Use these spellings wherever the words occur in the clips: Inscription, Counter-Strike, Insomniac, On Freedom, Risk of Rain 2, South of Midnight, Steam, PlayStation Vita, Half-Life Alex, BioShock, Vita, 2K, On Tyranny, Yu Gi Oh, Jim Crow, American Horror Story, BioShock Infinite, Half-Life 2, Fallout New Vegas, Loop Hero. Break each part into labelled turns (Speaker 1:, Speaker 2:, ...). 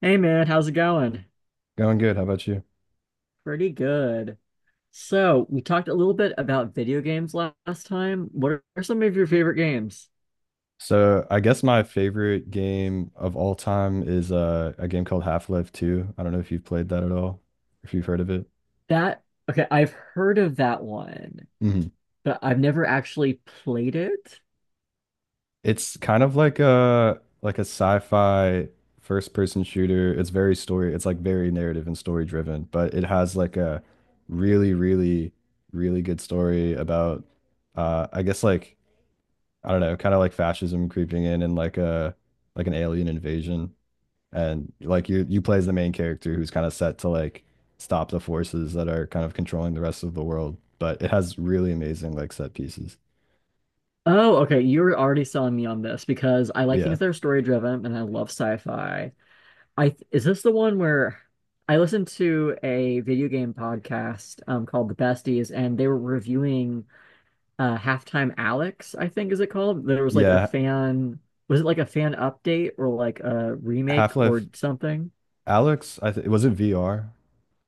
Speaker 1: Hey man, how's it going?
Speaker 2: Going good. How about you?
Speaker 1: Pretty good. So, we talked a little bit about video games last time. What are some of your favorite games?
Speaker 2: So I guess my favorite game of all time is a game called Half-Life 2. I don't know if you've played that at all, if you've heard of it.
Speaker 1: That, okay, I've heard of that one,
Speaker 2: Mhm.
Speaker 1: but I've never actually played it.
Speaker 2: It's kind of like a sci-fi first-person shooter. It's very story. It's like very narrative and story driven, but it has like a really, really, really good story about I guess like I don't know, kind of like fascism creeping in and like a like an alien invasion. And like you play as the main character who's kind of set to like stop the forces that are kind of controlling the rest of the world, but it has really amazing like set pieces.
Speaker 1: Oh, okay, you're already selling me on this because I like
Speaker 2: Yeah.
Speaker 1: things that are story driven and I love sci-fi. I is this the one where I listened to a video game podcast called The Besties and they were reviewing Halftime Alex, I think is it called? There was like a
Speaker 2: Yeah,
Speaker 1: fan, was it like a fan update or like a remake
Speaker 2: half-life
Speaker 1: or something?
Speaker 2: alex, I think. Was it VR?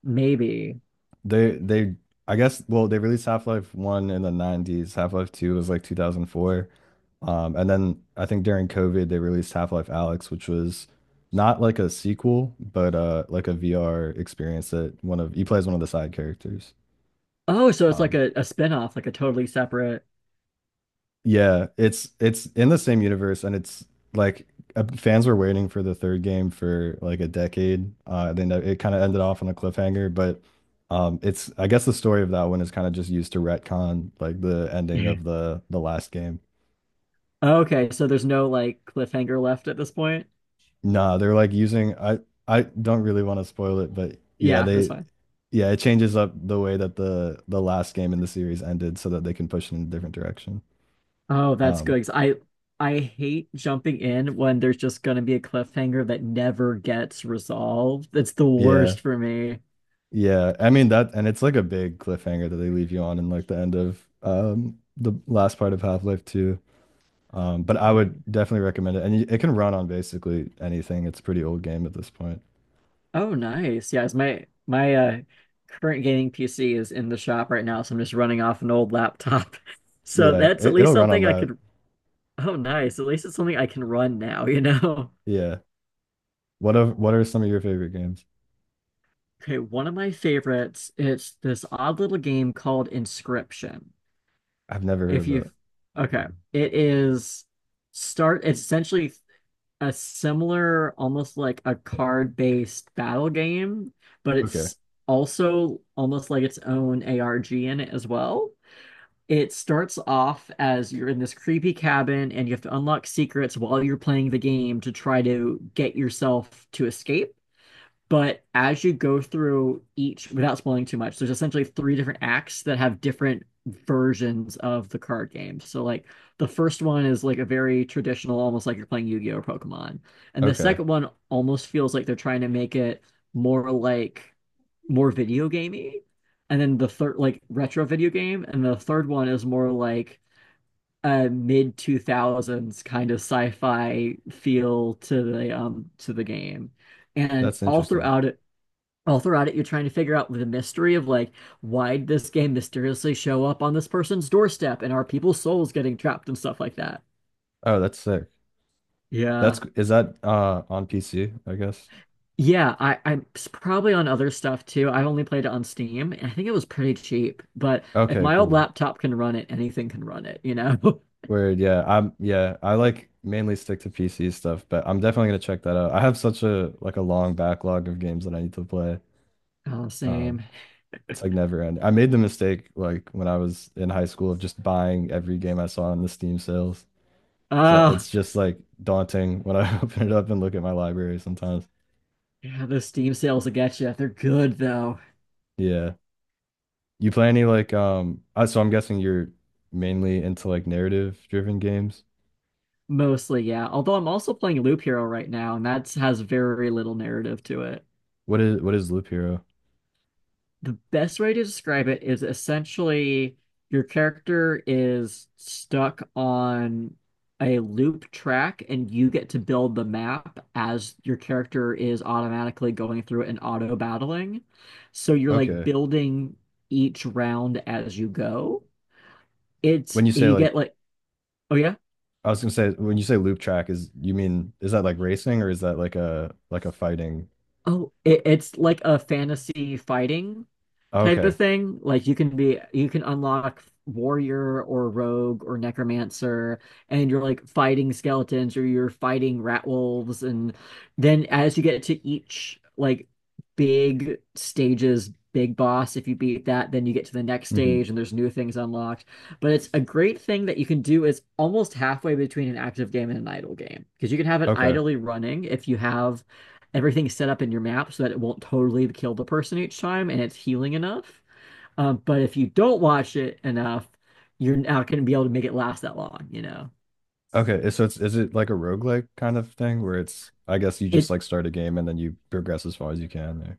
Speaker 1: Maybe.
Speaker 2: They I guess well, they released half-life 1 in the 90s, half-life 2 was like 2004. And then I think during COVID they released half-life alex, which was not like a sequel but like a VR experience that one of, you play as one of the side characters.
Speaker 1: Oh, so it's like
Speaker 2: Um,
Speaker 1: a spin-off, like a totally separate.
Speaker 2: yeah, it's in the same universe, and it's like fans were waiting for the third game for like a decade. Then it kind of ended off on a cliffhanger, but it's, I guess the story of that one is kind of just used to retcon like the ending
Speaker 1: Mhm.
Speaker 2: of the last game.
Speaker 1: Okay, so there's no like cliffhanger left at this point.
Speaker 2: Nah, they're like using I don't really want to spoil it, but yeah,
Speaker 1: Yeah, that's
Speaker 2: they,
Speaker 1: fine.
Speaker 2: yeah, it changes up the way that the last game in the series ended so that they can push it in a different direction.
Speaker 1: Oh, that's
Speaker 2: Um,
Speaker 1: good. 'Cause I hate jumping in when there's just gonna be a cliffhanger that never gets resolved. It's the
Speaker 2: yeah.
Speaker 1: worst for me.
Speaker 2: Yeah, I mean that, and it's like a big cliffhanger that they leave you on in like the end of the last part of Half-Life 2. But I would definitely recommend it, and it can run on basically anything. It's a pretty old game at this point.
Speaker 1: Oh, nice. Yes, my current gaming PC is in the shop right now, so I'm just running off an old laptop. So
Speaker 2: Yeah,
Speaker 1: that's at
Speaker 2: it'll
Speaker 1: least
Speaker 2: run on
Speaker 1: something I
Speaker 2: that.
Speaker 1: could. Oh, nice. At least it's something I can run now, you know?
Speaker 2: Yeah. What are some of your favorite games?
Speaker 1: Okay, one of my favorites, it's this odd little game called Inscription.
Speaker 2: I've never heard
Speaker 1: If
Speaker 2: of that.
Speaker 1: you've okay, it is start it's essentially a similar, almost like a card-based battle game, but
Speaker 2: Okay,
Speaker 1: it's also almost like its own ARG in it as well. It starts off as you're in this creepy cabin and you have to unlock secrets while you're playing the game to try to get yourself to escape. But as you go through each, without spoiling too much, there's essentially three different acts that have different versions of the card game. So, like, the first one is like a very traditional, almost like you're playing Yu Gi Oh! or Pokemon. And the
Speaker 2: okay,
Speaker 1: second one almost feels like they're trying to make it more like more video gamey, and then the third like retro video game, and the third one is more like a mid 2000s kind of sci-fi feel to the game. And
Speaker 2: that's interesting.
Speaker 1: all throughout it, you're trying to figure out the mystery of like why did this game mysteriously show up on this person's doorstep and are people's souls getting trapped and stuff like that.
Speaker 2: Oh, that's sick. That's,
Speaker 1: Yeah.
Speaker 2: is that on PC, I guess.
Speaker 1: Yeah, I'm probably on other stuff too. I only played it on Steam, and I think it was pretty cheap. But if
Speaker 2: Okay,
Speaker 1: my old
Speaker 2: cool.
Speaker 1: laptop can run it, anything can run it, you know?
Speaker 2: Weird, yeah. I like mainly stick to PC stuff, but I'm definitely gonna check that out. I have such a long backlog of games that I need to play.
Speaker 1: Oh,
Speaker 2: Um,
Speaker 1: same.
Speaker 2: it's like never end. I made the mistake like when I was in high school of just buying every game I saw on the Steam sales. So
Speaker 1: Oh,
Speaker 2: it's just like daunting when I open it up and look at my library sometimes.
Speaker 1: yeah, those Steam sales will get you. They're good though.
Speaker 2: Yeah. You play any like so I'm guessing you're mainly into like narrative driven games.
Speaker 1: Mostly, yeah. Although I'm also playing Loop Hero right now, and that has very little narrative to it.
Speaker 2: What is Loop Hero?
Speaker 1: The best way to describe it is essentially your character is stuck on a loop track and you get to build the map as your character is automatically going through it and auto battling. So you're like
Speaker 2: Okay.
Speaker 1: building each round as you go. It's
Speaker 2: When you say
Speaker 1: you
Speaker 2: like,
Speaker 1: get like oh yeah.
Speaker 2: I was gonna say when you say loop track, is you mean is that like racing or is that like a fighting?
Speaker 1: Oh, it's like a fantasy fighting
Speaker 2: Oh,
Speaker 1: type
Speaker 2: okay.
Speaker 1: of thing. Like you can be, you can unlock warrior or rogue or necromancer, and you're like fighting skeletons or you're fighting rat wolves. And then as you get to each like big stage's big boss, if you beat that, then you get to the next
Speaker 2: Hmm.
Speaker 1: stage and there's new things unlocked. But it's a great thing that you can do is almost halfway between an active game and an idle game because you can have it
Speaker 2: Okay.
Speaker 1: idly running if you have everything is set up in your map so that it won't totally kill the person each time and it's healing enough. But if you don't watch it enough, you're not going to be able to make it last that long, you know.
Speaker 2: Okay, so it's, is it like a roguelike kind of thing where it's, I guess you just
Speaker 1: It
Speaker 2: like start a game and then you progress as far as you can there.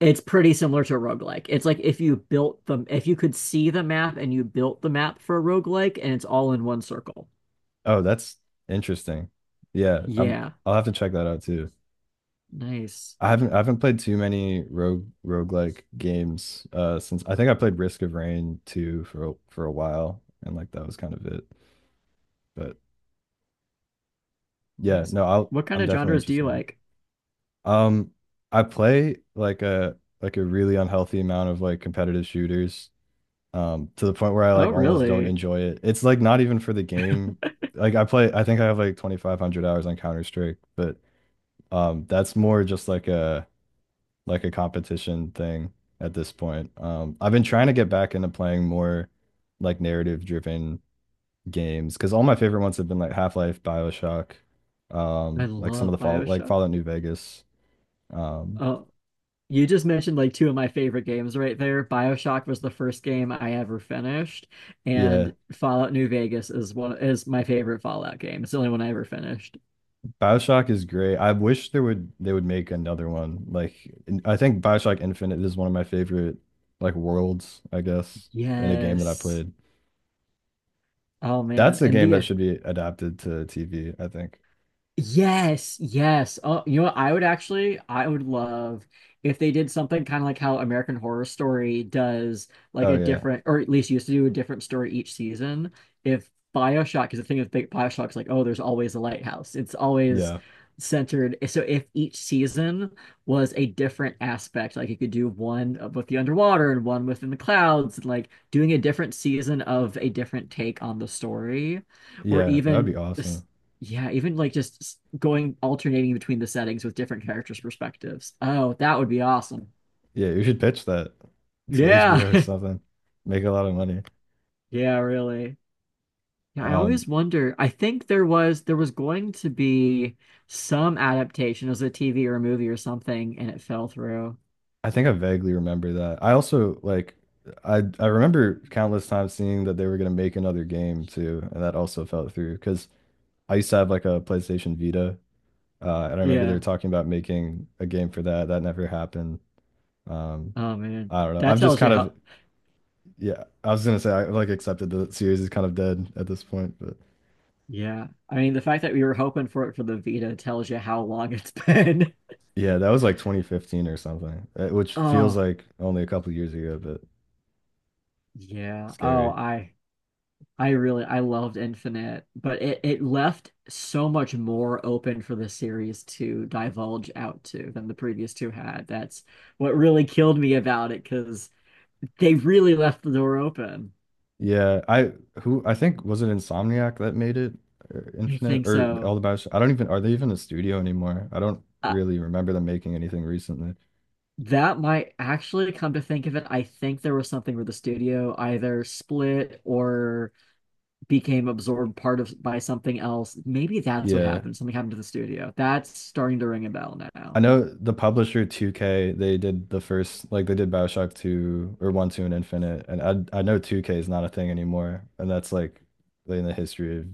Speaker 1: it's pretty similar to a roguelike. It's like if you built the if you could see the map and you built the map for a roguelike and it's all in one circle.
Speaker 2: Oh, that's interesting. Yeah,
Speaker 1: Yeah.
Speaker 2: I'll have to check that out too.
Speaker 1: Nice.
Speaker 2: I haven't played too many roguelike games since I think I played Risk of Rain 2 for a while, and like that was kind of it. But yeah,
Speaker 1: Nice.
Speaker 2: no,
Speaker 1: What kind
Speaker 2: I'm
Speaker 1: of
Speaker 2: definitely
Speaker 1: genres do
Speaker 2: interested
Speaker 1: you
Speaker 2: in that.
Speaker 1: like?
Speaker 2: Um, I play like a really unhealthy amount of like competitive shooters, to the point where I
Speaker 1: Oh,
Speaker 2: like almost don't
Speaker 1: really?
Speaker 2: enjoy it. It's like not even for the game. Like I play, I think I have like 2,500 hours on Counter-Strike, but that's more just like a competition thing at this point. I've been trying to get back into playing more like narrative-driven games because all my favorite ones have been like Half-Life, BioShock,
Speaker 1: I
Speaker 2: like some of
Speaker 1: love
Speaker 2: the
Speaker 1: BioShock.
Speaker 2: Fallout New Vegas. Um,
Speaker 1: Oh, you just mentioned like two of my favorite games right there. BioShock was the first game I ever finished,
Speaker 2: yeah.
Speaker 1: and Fallout New Vegas is one is my favorite Fallout game. It's the only one I ever finished.
Speaker 2: BioShock is great. I wish there would they would make another one. Like I think BioShock Infinite is one of my favorite like worlds, I guess, in a game that I
Speaker 1: Yes.
Speaker 2: played.
Speaker 1: Oh man.
Speaker 2: That's a
Speaker 1: And
Speaker 2: game that
Speaker 1: the
Speaker 2: should be adapted to TV, I think.
Speaker 1: yes, yes. Oh, you know what? I would actually, I would love if they did something kind of like how American Horror Story does, like
Speaker 2: Oh
Speaker 1: a
Speaker 2: yeah.
Speaker 1: different, or at least used to do a different story each season. If BioShock, because the thing with Big BioShock's like, oh, there's always a lighthouse. It's always
Speaker 2: Yeah.
Speaker 1: centered. So if each season was a different aspect, like you could do one with the underwater and one within the clouds, and like doing a different season of a different take on the story, or
Speaker 2: Yeah, that would
Speaker 1: even.
Speaker 2: be awesome.
Speaker 1: Yeah, even like just s- going alternating between the settings with different characters' perspectives. Oh, that would be awesome.
Speaker 2: Yeah, you should pitch that to
Speaker 1: Yeah.
Speaker 2: HBO or something. Make a lot of money.
Speaker 1: Yeah, really. Yeah, I
Speaker 2: Um,
Speaker 1: always wonder. I think there was going to be some adaptation as a TV or a movie or something, and it fell through.
Speaker 2: I think I vaguely remember that. I also like, I remember countless times seeing that they were gonna make another game too, and that also fell through because I used to have like a PlayStation Vita, and I remember they were
Speaker 1: Yeah.
Speaker 2: talking about making a game for that. That never happened. Um,
Speaker 1: Oh man.
Speaker 2: I don't know.
Speaker 1: That
Speaker 2: I've just
Speaker 1: tells you
Speaker 2: kind of,
Speaker 1: how
Speaker 2: yeah. I was gonna say I like accepted the series is kind of dead at this point, but
Speaker 1: yeah. I mean, the fact that we were hoping for it for the Vita tells you how long it's been.
Speaker 2: yeah, that was like 2015 or something, which feels
Speaker 1: Oh,
Speaker 2: like only a couple years ago, but
Speaker 1: yeah. Oh,
Speaker 2: scary.
Speaker 1: I really I loved Infinite, but it left so much more open for the series to divulge out to than the previous two had. That's what really killed me about it because they really left the door open.
Speaker 2: Yeah, I who, I think was it Insomniac that made it or
Speaker 1: I
Speaker 2: Infinite
Speaker 1: think
Speaker 2: or all
Speaker 1: so.
Speaker 2: the Bioshock. I don't even, are they even a studio anymore? I don't
Speaker 1: Uh,
Speaker 2: really remember them making anything recently.
Speaker 1: that might actually come to think of it. I think there was something where the studio either split or became absorbed part of by something else. Maybe that's what
Speaker 2: Yeah.
Speaker 1: happened. Something happened to the studio. That's starting to ring a bell
Speaker 2: I
Speaker 1: now.
Speaker 2: know the publisher 2K, they did the first, like they did BioShock 2 or 1, 2 and Infinite. And I know 2K is not a thing anymore. And that's like in the history of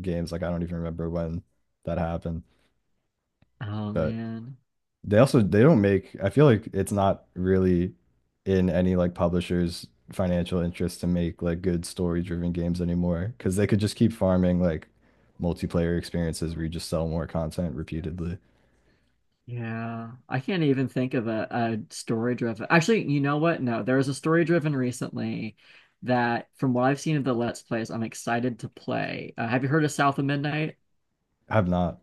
Speaker 2: games. Like I don't even remember when that happened.
Speaker 1: Oh
Speaker 2: But
Speaker 1: man.
Speaker 2: they also, they don't make, I feel like it's not really in any like publisher's financial interest to make like good story-driven games anymore because they could just keep farming like multiplayer experiences where you just sell more content repeatedly.
Speaker 1: Yeah, I can't even think of a story driven. Actually, you know what? No, there was a story driven recently that, from what I've seen of the Let's Plays, I'm excited to play. Have you heard of South of Midnight?
Speaker 2: Have not.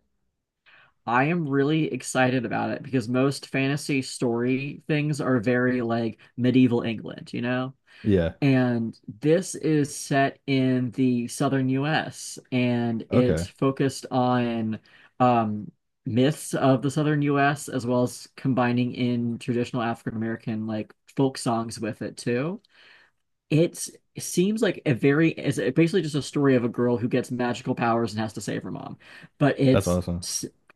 Speaker 1: I am really excited about it because most fantasy story things are very like medieval England, you know?
Speaker 2: Yeah.
Speaker 1: And this is set in the southern US and
Speaker 2: Okay.
Speaker 1: it's focused on um, myths of the southern US as well as combining in traditional African American like folk songs with it too. It's it seems like a very it's basically just a story of a girl who gets magical powers and has to save her mom. But
Speaker 2: That's
Speaker 1: it's
Speaker 2: awesome.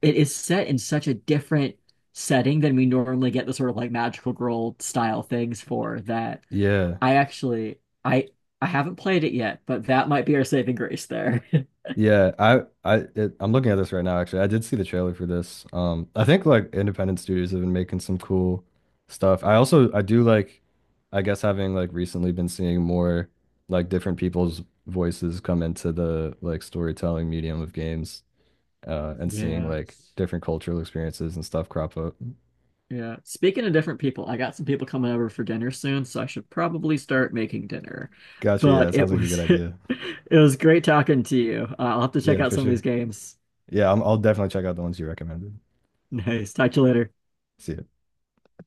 Speaker 1: it is set in such a different setting than we normally get the sort of like magical girl style things for that
Speaker 2: Yeah.
Speaker 1: I actually I haven't played it yet, but that might be our saving grace there.
Speaker 2: Yeah, I'm looking at this right now actually. I did see the trailer for this. I think like independent studios have been making some cool stuff. I also I do like, I guess having like recently been seeing more like different people's voices come into the like storytelling medium of games and seeing
Speaker 1: Yeah.
Speaker 2: like different cultural experiences and stuff crop up.
Speaker 1: Yeah. Speaking of different people, I got some people coming over for dinner soon, so I should probably start making dinner.
Speaker 2: Gotcha. Yeah,
Speaker 1: But
Speaker 2: that sounds
Speaker 1: it
Speaker 2: like a good
Speaker 1: was it
Speaker 2: idea.
Speaker 1: was great talking to you. I'll have to check
Speaker 2: Yeah,
Speaker 1: out
Speaker 2: for
Speaker 1: some of these
Speaker 2: sure.
Speaker 1: games.
Speaker 2: Yeah, I'll definitely check out the ones you recommended.
Speaker 1: Nice. Talk to you later.
Speaker 2: See ya.